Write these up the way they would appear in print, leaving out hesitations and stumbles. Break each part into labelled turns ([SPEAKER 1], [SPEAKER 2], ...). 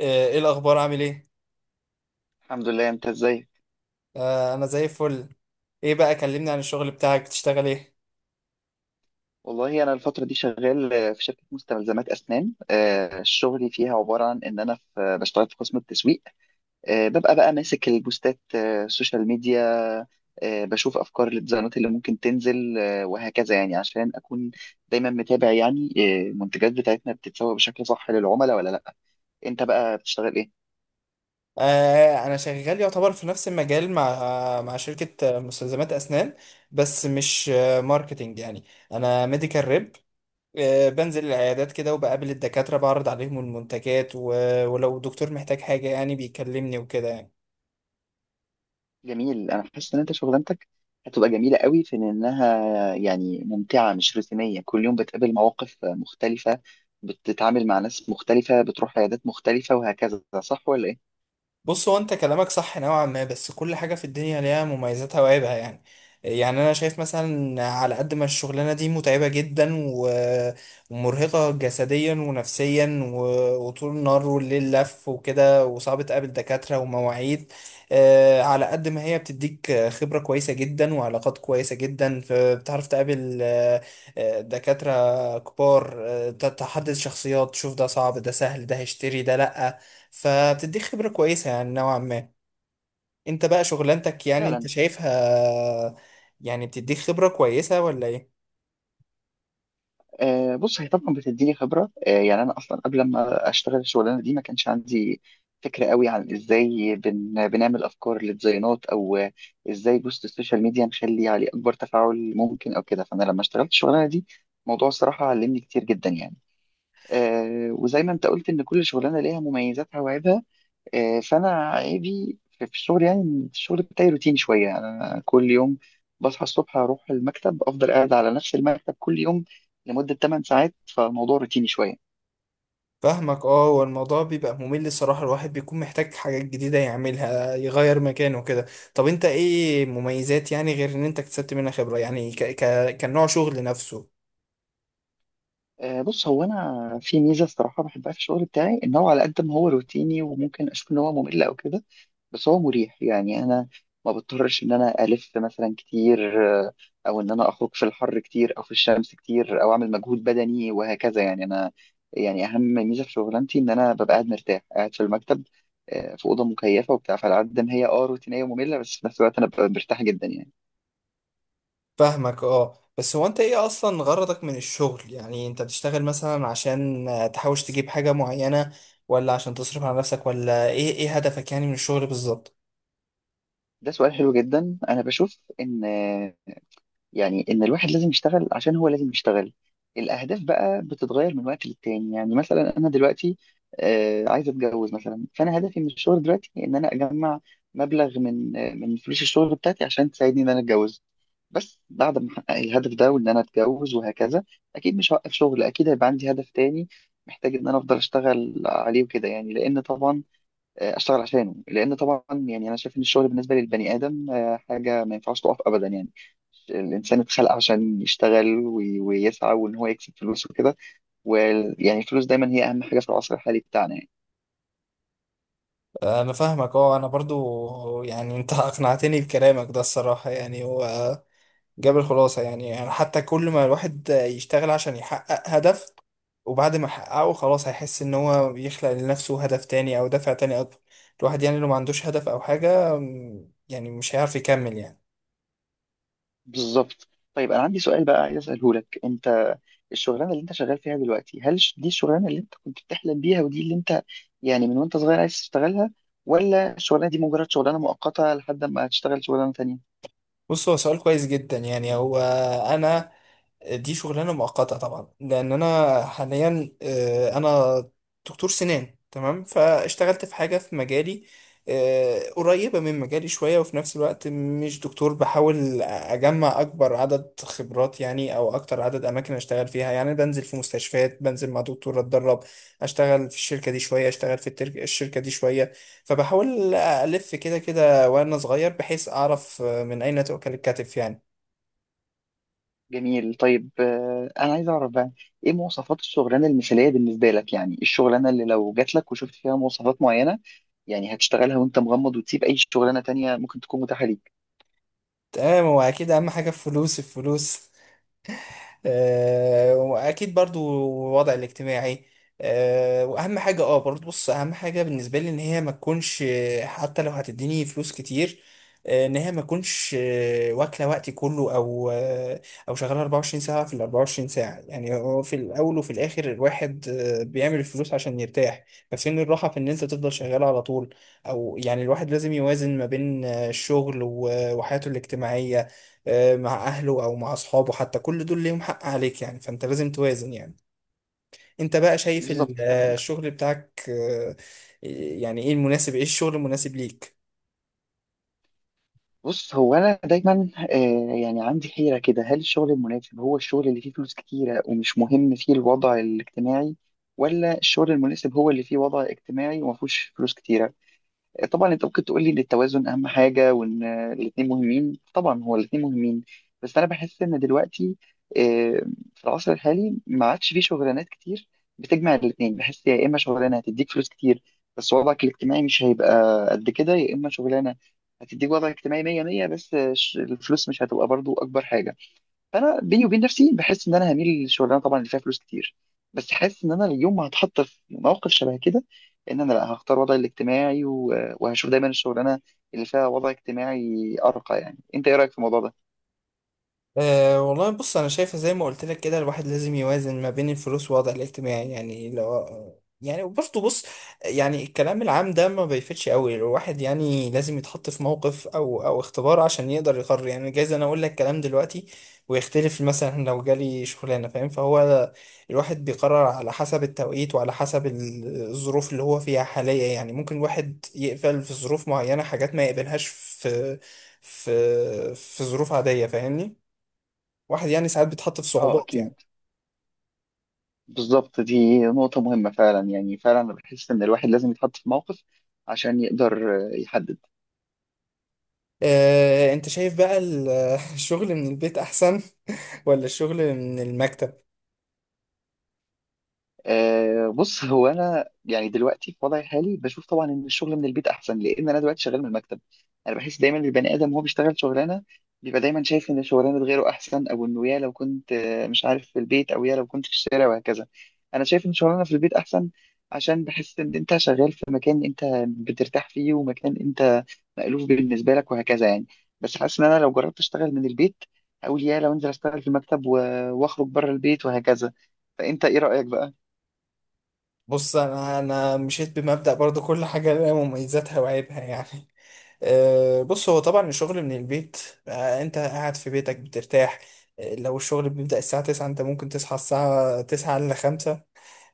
[SPEAKER 1] ايه الاخبار عامل ايه؟
[SPEAKER 2] الحمد لله، انت ازاي؟
[SPEAKER 1] آه، انا زي الفل. ايه بقى، كلمني عن الشغل بتاعك، بتشتغل ايه؟
[SPEAKER 2] والله انا الفتره دي شغال، في شركه مستلزمات اسنان. شغلي فيها عباره عن ان انا في آه، بشتغل في قسم التسويق. ببقى بقى ماسك البوستات، السوشيال ميديا. بشوف افكار الديزاينات اللي ممكن تنزل، وهكذا يعني عشان اكون دايما متابع يعني المنتجات بتاعتنا بتتسوق بشكل صح للعملاء ولا لا. انت بقى بتشتغل ايه؟
[SPEAKER 1] آه، انا شغال يعتبر في نفس المجال مع شركة مستلزمات اسنان، بس مش ماركتينج يعني. انا ميديكال ريب، آه، بنزل العيادات كده وبقابل الدكاترة، بعرض عليهم المنتجات و- ولو دكتور محتاج حاجة يعني بيكلمني وكده يعني.
[SPEAKER 2] جميل. انا حاسس ان انت شغلانتك هتبقى جميله قوي في انها يعني ممتعه، مش روتينيه، كل يوم بتقابل مواقف مختلفه، بتتعامل مع ناس مختلفه، بتروح عيادات مختلفه وهكذا، صح ولا ايه؟
[SPEAKER 1] بص، هو انت كلامك صح نوعا ما، بس كل حاجة في الدنيا ليها مميزاتها وعيبها يعني. يعني انا شايف مثلا على قد ما الشغلانة دي متعبة جدا و- ومرهقة جسديا ونفسيا و- وطول النهار والليل لف وكده، وصعب تقابل دكاترة ومواعيد. على قد ما هي بتديك خبرة كويسة جدا وعلاقات كويسة جدا، فبتعرف تقابل دكاترة كبار، تحدد شخصيات، تشوف ده صعب ده سهل ده هيشتري ده لأ. فبتديك خبرة كويسة يعني نوعا ما. انت بقى شغلانتك يعني انت
[SPEAKER 2] فعلا.
[SPEAKER 1] شايفها، يعني بتديك خبرة كويسة ولا ايه؟
[SPEAKER 2] آه، بص هي طبعا بتديني خبره آه، يعني انا اصلا قبل ما اشتغل الشغلانه دي ما كانش عندي فكره قوي عن ازاي بنعمل افكار للديزاينات او آه، ازاي بوست السوشيال ميديا نخلي عليه اكبر تفاعل ممكن او كده. فانا لما اشتغلت الشغلانه دي، الموضوع الصراحه علمني كتير جدا يعني. وزي ما انت قلت ان كل شغلانه ليها مميزاتها وعيبها. فانا عيبي في الشغل يعني إن الشغل بتاعي روتيني شويه. يعني انا كل يوم بصحى الصبح اروح المكتب، افضل قاعد على نفس المكتب كل يوم لمده 8 ساعات، فالموضوع روتيني شويه.
[SPEAKER 1] فاهمك، اه هو الموضوع بيبقى ممل الصراحة، الواحد بيكون محتاج حاجات جديدة يعملها، يغير مكانه كده. طب انت ايه مميزات، يعني غير ان انت اكتسبت منها خبرة، يعني ك كنوع شغل نفسه؟
[SPEAKER 2] بص، هو انا في ميزه الصراحه بحبها في الشغل بتاعي، ان هو على قد ما هو روتيني وممكن اشوف ان هو ممل او كده، بس هو مريح يعني. انا ما بضطرش ان انا الف مثلا كتير، او ان انا اخرج في الحر كتير او في الشمس كتير او اعمل مجهود بدني وهكذا. يعني انا يعني اهم ميزه في شغلانتي ان انا ببقى قاعد مرتاح، قاعد في المكتب، في اوضه مكيفه وبتاع. فعلى قد ما هي اه روتينيه وممله، بس في نفس الوقت انا ببقى مرتاح جدا يعني.
[SPEAKER 1] فاهمك اه. بس هو انت ايه اصلا غرضك من الشغل؟ يعني انت بتشتغل مثلا عشان تحوش تجيب حاجة معينة، ولا عشان تصرف على نفسك، ولا ايه ايه هدفك يعني من الشغل بالظبط؟
[SPEAKER 2] ده سؤال حلو جدا. انا بشوف ان يعني ان الواحد لازم يشتغل عشان هو لازم يشتغل. الاهداف بقى بتتغير من وقت للتاني. يعني مثلا انا دلوقتي، عايز اتجوز مثلا، فانا هدفي من الشغل دلوقتي ان انا اجمع مبلغ من من فلوس الشغل بتاعتي عشان تساعدني ان انا اتجوز. بس بعد ما احقق الهدف ده وان انا اتجوز وهكذا، اكيد مش هوقف شغل، اكيد هيبقى عندي هدف تاني محتاج ان انا افضل اشتغل عليه وكده يعني. لان طبعا اشتغل عشانه، لان طبعا يعني انا شايف ان الشغل بالنسبه للبني ادم، حاجه ما ينفعش تقف ابدا يعني. الانسان اتخلق عشان يشتغل ويسعى وان هو يكسب فلوس وكده. ويعني الفلوس دايما هي اهم حاجه في العصر الحالي بتاعنا يعني.
[SPEAKER 1] انا فاهمك اه. انا برضو يعني انت اقنعتني بكلامك ده الصراحة، يعني هو جاب الخلاصة يعني. يعني حتى كل ما الواحد يشتغل عشان يحقق هدف، وبعد ما يحققه خلاص هيحس ان هو بيخلق لنفسه هدف تاني او دافع تاني اكبر. الواحد يعني لو ما عندوش هدف او حاجة يعني مش هيعرف يكمل يعني.
[SPEAKER 2] بالظبط. طيب انا عندي سؤال بقى عايز اساله لك انت. الشغلانه اللي انت شغال فيها دلوقتي، هل دي الشغلانه اللي انت كنت بتحلم بيها، ودي اللي انت يعني من وانت صغير عايز تشتغلها، ولا الشغلانه دي مجرد شغلانه مؤقته لحد ما هتشتغل شغلانه تانية؟
[SPEAKER 1] بص هو سؤال كويس جدا. يعني هو انا، دي شغلانه مؤقته طبعا، لان انا حاليا انا دكتور سنان تمام، فاشتغلت في حاجه في مجالي، قريبه من مجالي شويه، وفي نفس الوقت مش دكتور. بحاول اجمع اكبر عدد خبرات يعني، او اكتر عدد اماكن اشتغل فيها يعني. بنزل في مستشفيات، بنزل مع دكتور اتدرب، اشتغل في الشركه دي شويه، اشتغل في الشركه دي شويه. فبحاول الف كده كده وانا صغير، بحيث اعرف من اين تؤكل الكتف يعني.
[SPEAKER 2] جميل. طيب آه، انا عايز اعرف بقى ايه مواصفات الشغلانه المثاليه بالنسبه لك. يعني إيه الشغلانه اللي لو جات لك وشفت فيها مواصفات معينه يعني هتشتغلها وانت مغمض وتسيب اي شغلانه تانية ممكن تكون متاحه ليك؟
[SPEAKER 1] تمام، هو اكيد اهم حاجه الفلوس الفلوس، آه، واكيد برضو الوضع الاجتماعي. آه، واهم حاجه اه برضو، بص، اهم حاجه بالنسبه لي ان هي ما تكونش حتى لو هتديني فلوس كتير، ان هي ما تكونش واكله وقتي كله، او او شغاله 24 ساعه في ال 24 ساعه. يعني هو في الاول وفي الاخر الواحد بيعمل الفلوس عشان يرتاح، ففين الراحه في ان انت تفضل شغال على طول؟ او يعني الواحد لازم يوازن ما بين الشغل و- وحياته الاجتماعيه، مع اهله او مع اصحابه، حتى كل دول ليهم حق عليك يعني، فانت لازم توازن يعني. انت بقى شايف
[SPEAKER 2] بالظبط كلامك.
[SPEAKER 1] الشغل بتاعك يعني ايه المناسب، ايه الشغل المناسب ليك؟
[SPEAKER 2] بص، هو انا دايما آه، يعني عندي حيره كده، هل الشغل المناسب هو الشغل اللي فيه فلوس كتيره ومش مهم فيه الوضع الاجتماعي، ولا الشغل المناسب هو اللي فيه وضع اجتماعي وما فيهوش فلوس كتيره؟ طبعا انت ممكن تقول لي ان التوازن اهم حاجه وان الاثنين مهمين، طبعا هو الاثنين مهمين. بس انا بحس ان دلوقتي، آه، في العصر الحالي ما عادش فيه شغلانات كتير بتجمع الاثنين. بحس يا اما شغلانه هتديك فلوس كتير بس وضعك الاجتماعي مش هيبقى قد كده، يا اما شغلانه هتديك وضع اجتماعي 100 100 بس الفلوس مش هتبقى برضو اكبر حاجه. فانا بيني وبين نفسي بحس ان انا هميل للشغلانه طبعا اللي فيها فلوس كتير، بس حاسس ان انا اليوم ما هتحط في موقف شبه كده ان انا لا هختار وضعي الاجتماعي وهشوف دايما الشغلانه اللي فيها وضع اجتماعي ارقى. يعني انت ايه رايك في الموضوع ده؟
[SPEAKER 1] أه والله بص، انا شايفه زي ما قلت لك كده، الواحد لازم يوازن ما بين الفلوس والوضع الاجتماعي، يعني لو يعني برضه بص، يعني الكلام العام ده ما بيفيدش قوي، الواحد يعني لازم يتحط في موقف او او اختبار عشان يقدر يقرر يعني. جايز انا اقول لك كلام دلوقتي ويختلف مثلا لو جالي شغلانه، فاهم؟ فهو الواحد بيقرر على حسب التوقيت وعلى حسب الظروف اللي هو فيها حاليا، يعني ممكن الواحد يقبل في ظروف معينه حاجات ما يقبلهاش في في ظروف عاديه، فاهمني؟ واحد يعني ساعات بيتحط في
[SPEAKER 2] اه،
[SPEAKER 1] صعوبات يعني.
[SPEAKER 2] اكيد. بالظبط، دي نقطه مهمه فعلا. يعني فعلا انا بحس ان الواحد لازم يتحط في موقف عشان يقدر آه، يحدد.
[SPEAKER 1] انت شايف بقى الشغل من البيت احسن ولا الشغل من المكتب؟
[SPEAKER 2] أه بص، هو انا يعني دلوقتي في وضعي الحالي بشوف طبعا ان الشغل من البيت احسن لان انا دلوقتي شغال من المكتب. انا بحس دايما البني ادم وهو بيشتغل شغلانه بيبقى دايما شايف ان شغلانه غيره احسن، او انه يا لو كنت آه، مش عارف في البيت، او يا لو كنت في الشارع وهكذا. انا شايف ان شغلانه في البيت احسن عشان بحس ان انت شغال في مكان انت بترتاح فيه، ومكان انت مألوف بالنسبه لك وهكذا يعني. بس حاسس ان انا لو جربت اشتغل من البيت اقول يا لو انزل اشتغل في المكتب واخرج بره البيت وهكذا. فانت ايه رأيك بقى؟
[SPEAKER 1] بص انا مشيت بمبدأ برضو، كل حاجة لها مميزاتها وعيبها يعني. بص، هو طبعا الشغل من البيت، انت قاعد في بيتك بترتاح، لو الشغل بيبدأ الساعة 9 انت ممكن تصحى الساعة 9 الا 5،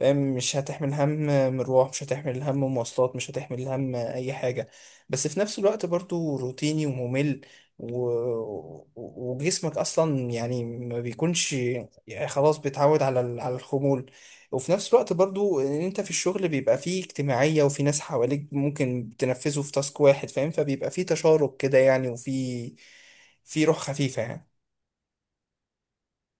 [SPEAKER 1] فاهم؟ مش هتحمل هم مروح، مش هتحمل هم مواصلات، مش هتحمل هم اي حاجة. بس في نفس الوقت برضو روتيني وممل و... و- وجسمك اصلا يعني ما بيكونش، يعني خلاص بيتعود على على الخمول. وفي نفس الوقت برضو ان انت في الشغل بيبقى فيه اجتماعية، وفي ناس حواليك ممكن تنفذوا في تاسك واحد، فاهم؟ فبيبقى فيه تشارك كده يعني، وفي روح خفيفة يعني.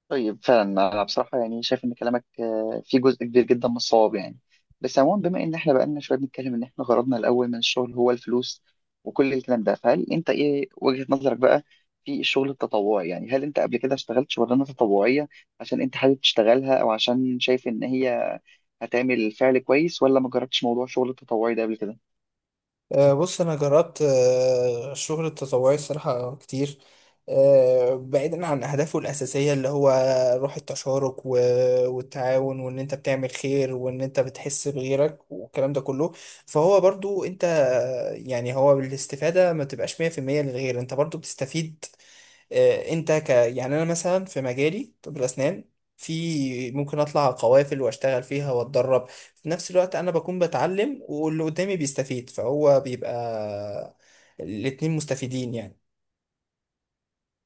[SPEAKER 2] طيب فعلا انا بصراحه يعني شايف ان كلامك آه، فيه جزء كبير جدا من الصواب يعني. بس عموما بما ان احنا بقالنا شويه بنتكلم ان احنا غرضنا الاول من الشغل هو الفلوس وكل الكلام ده، فهل انت ايه وجهه نظرك بقى في الشغل التطوعي؟ يعني هل انت قبل كده اشتغلت شغلانه تطوعيه عشان انت حابب تشتغلها او عشان شايف ان هي هتعمل فعل كويس، ولا ما جربتش موضوع الشغل التطوعي ده قبل كده؟
[SPEAKER 1] بص انا جربت الشغل التطوعي الصراحه كتير. بعيدا عن اهدافه الاساسيه اللي هو روح التشارك و- والتعاون، وان انت بتعمل خير، وان انت بتحس بغيرك، والكلام ده كله، فهو برضو انت يعني هو بالاستفاده ما تبقاش 100% للغير، انت برضو بتستفيد. آه، انت ك يعني انا مثلا في مجالي طب الاسنان، في ممكن اطلع قوافل واشتغل فيها واتدرب، في نفس الوقت انا بكون بتعلم واللي قدامي بيستفيد، فهو بيبقى الاتنين مستفيدين يعني.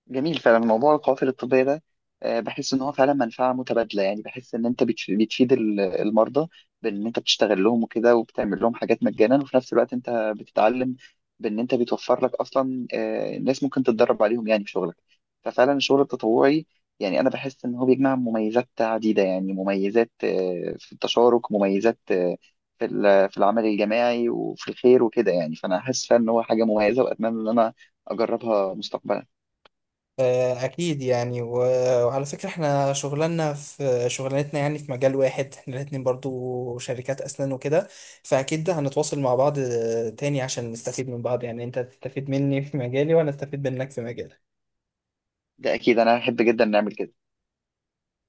[SPEAKER 2] جميل. فعلا موضوع القوافل الطبية ده، آه، بحس ان هو فعلا منفعة متبادلة. يعني بحس ان انت بتفيد المرضى بان انت بتشتغل لهم وكده وبتعمل لهم حاجات مجانا، وفي نفس الوقت انت بتتعلم بان انت بتوفر لك اصلا آه، ناس ممكن تتدرب عليهم يعني في شغلك. ففعلا الشغل التطوعي يعني انا بحس ان هو بيجمع مميزات عديدة. يعني مميزات آه، في التشارك، مميزات آه، في العمل الجماعي وفي الخير وكده يعني. فانا حاسس فعلا ان هو حاجة مميزة، واتمنى ان انا اجربها مستقبلا.
[SPEAKER 1] اكيد يعني، و- وعلى فكرة احنا شغلنا في شغلانتنا يعني في مجال واحد، احنا الاتنين برضو شركات اسنان وكده، فاكيد ده هنتواصل مع بعض تاني عشان نستفيد من بعض، يعني انت تستفيد مني في مجالي وانا استفيد منك في مجالك.
[SPEAKER 2] ده اكيد، انا احب جدا نعمل كده.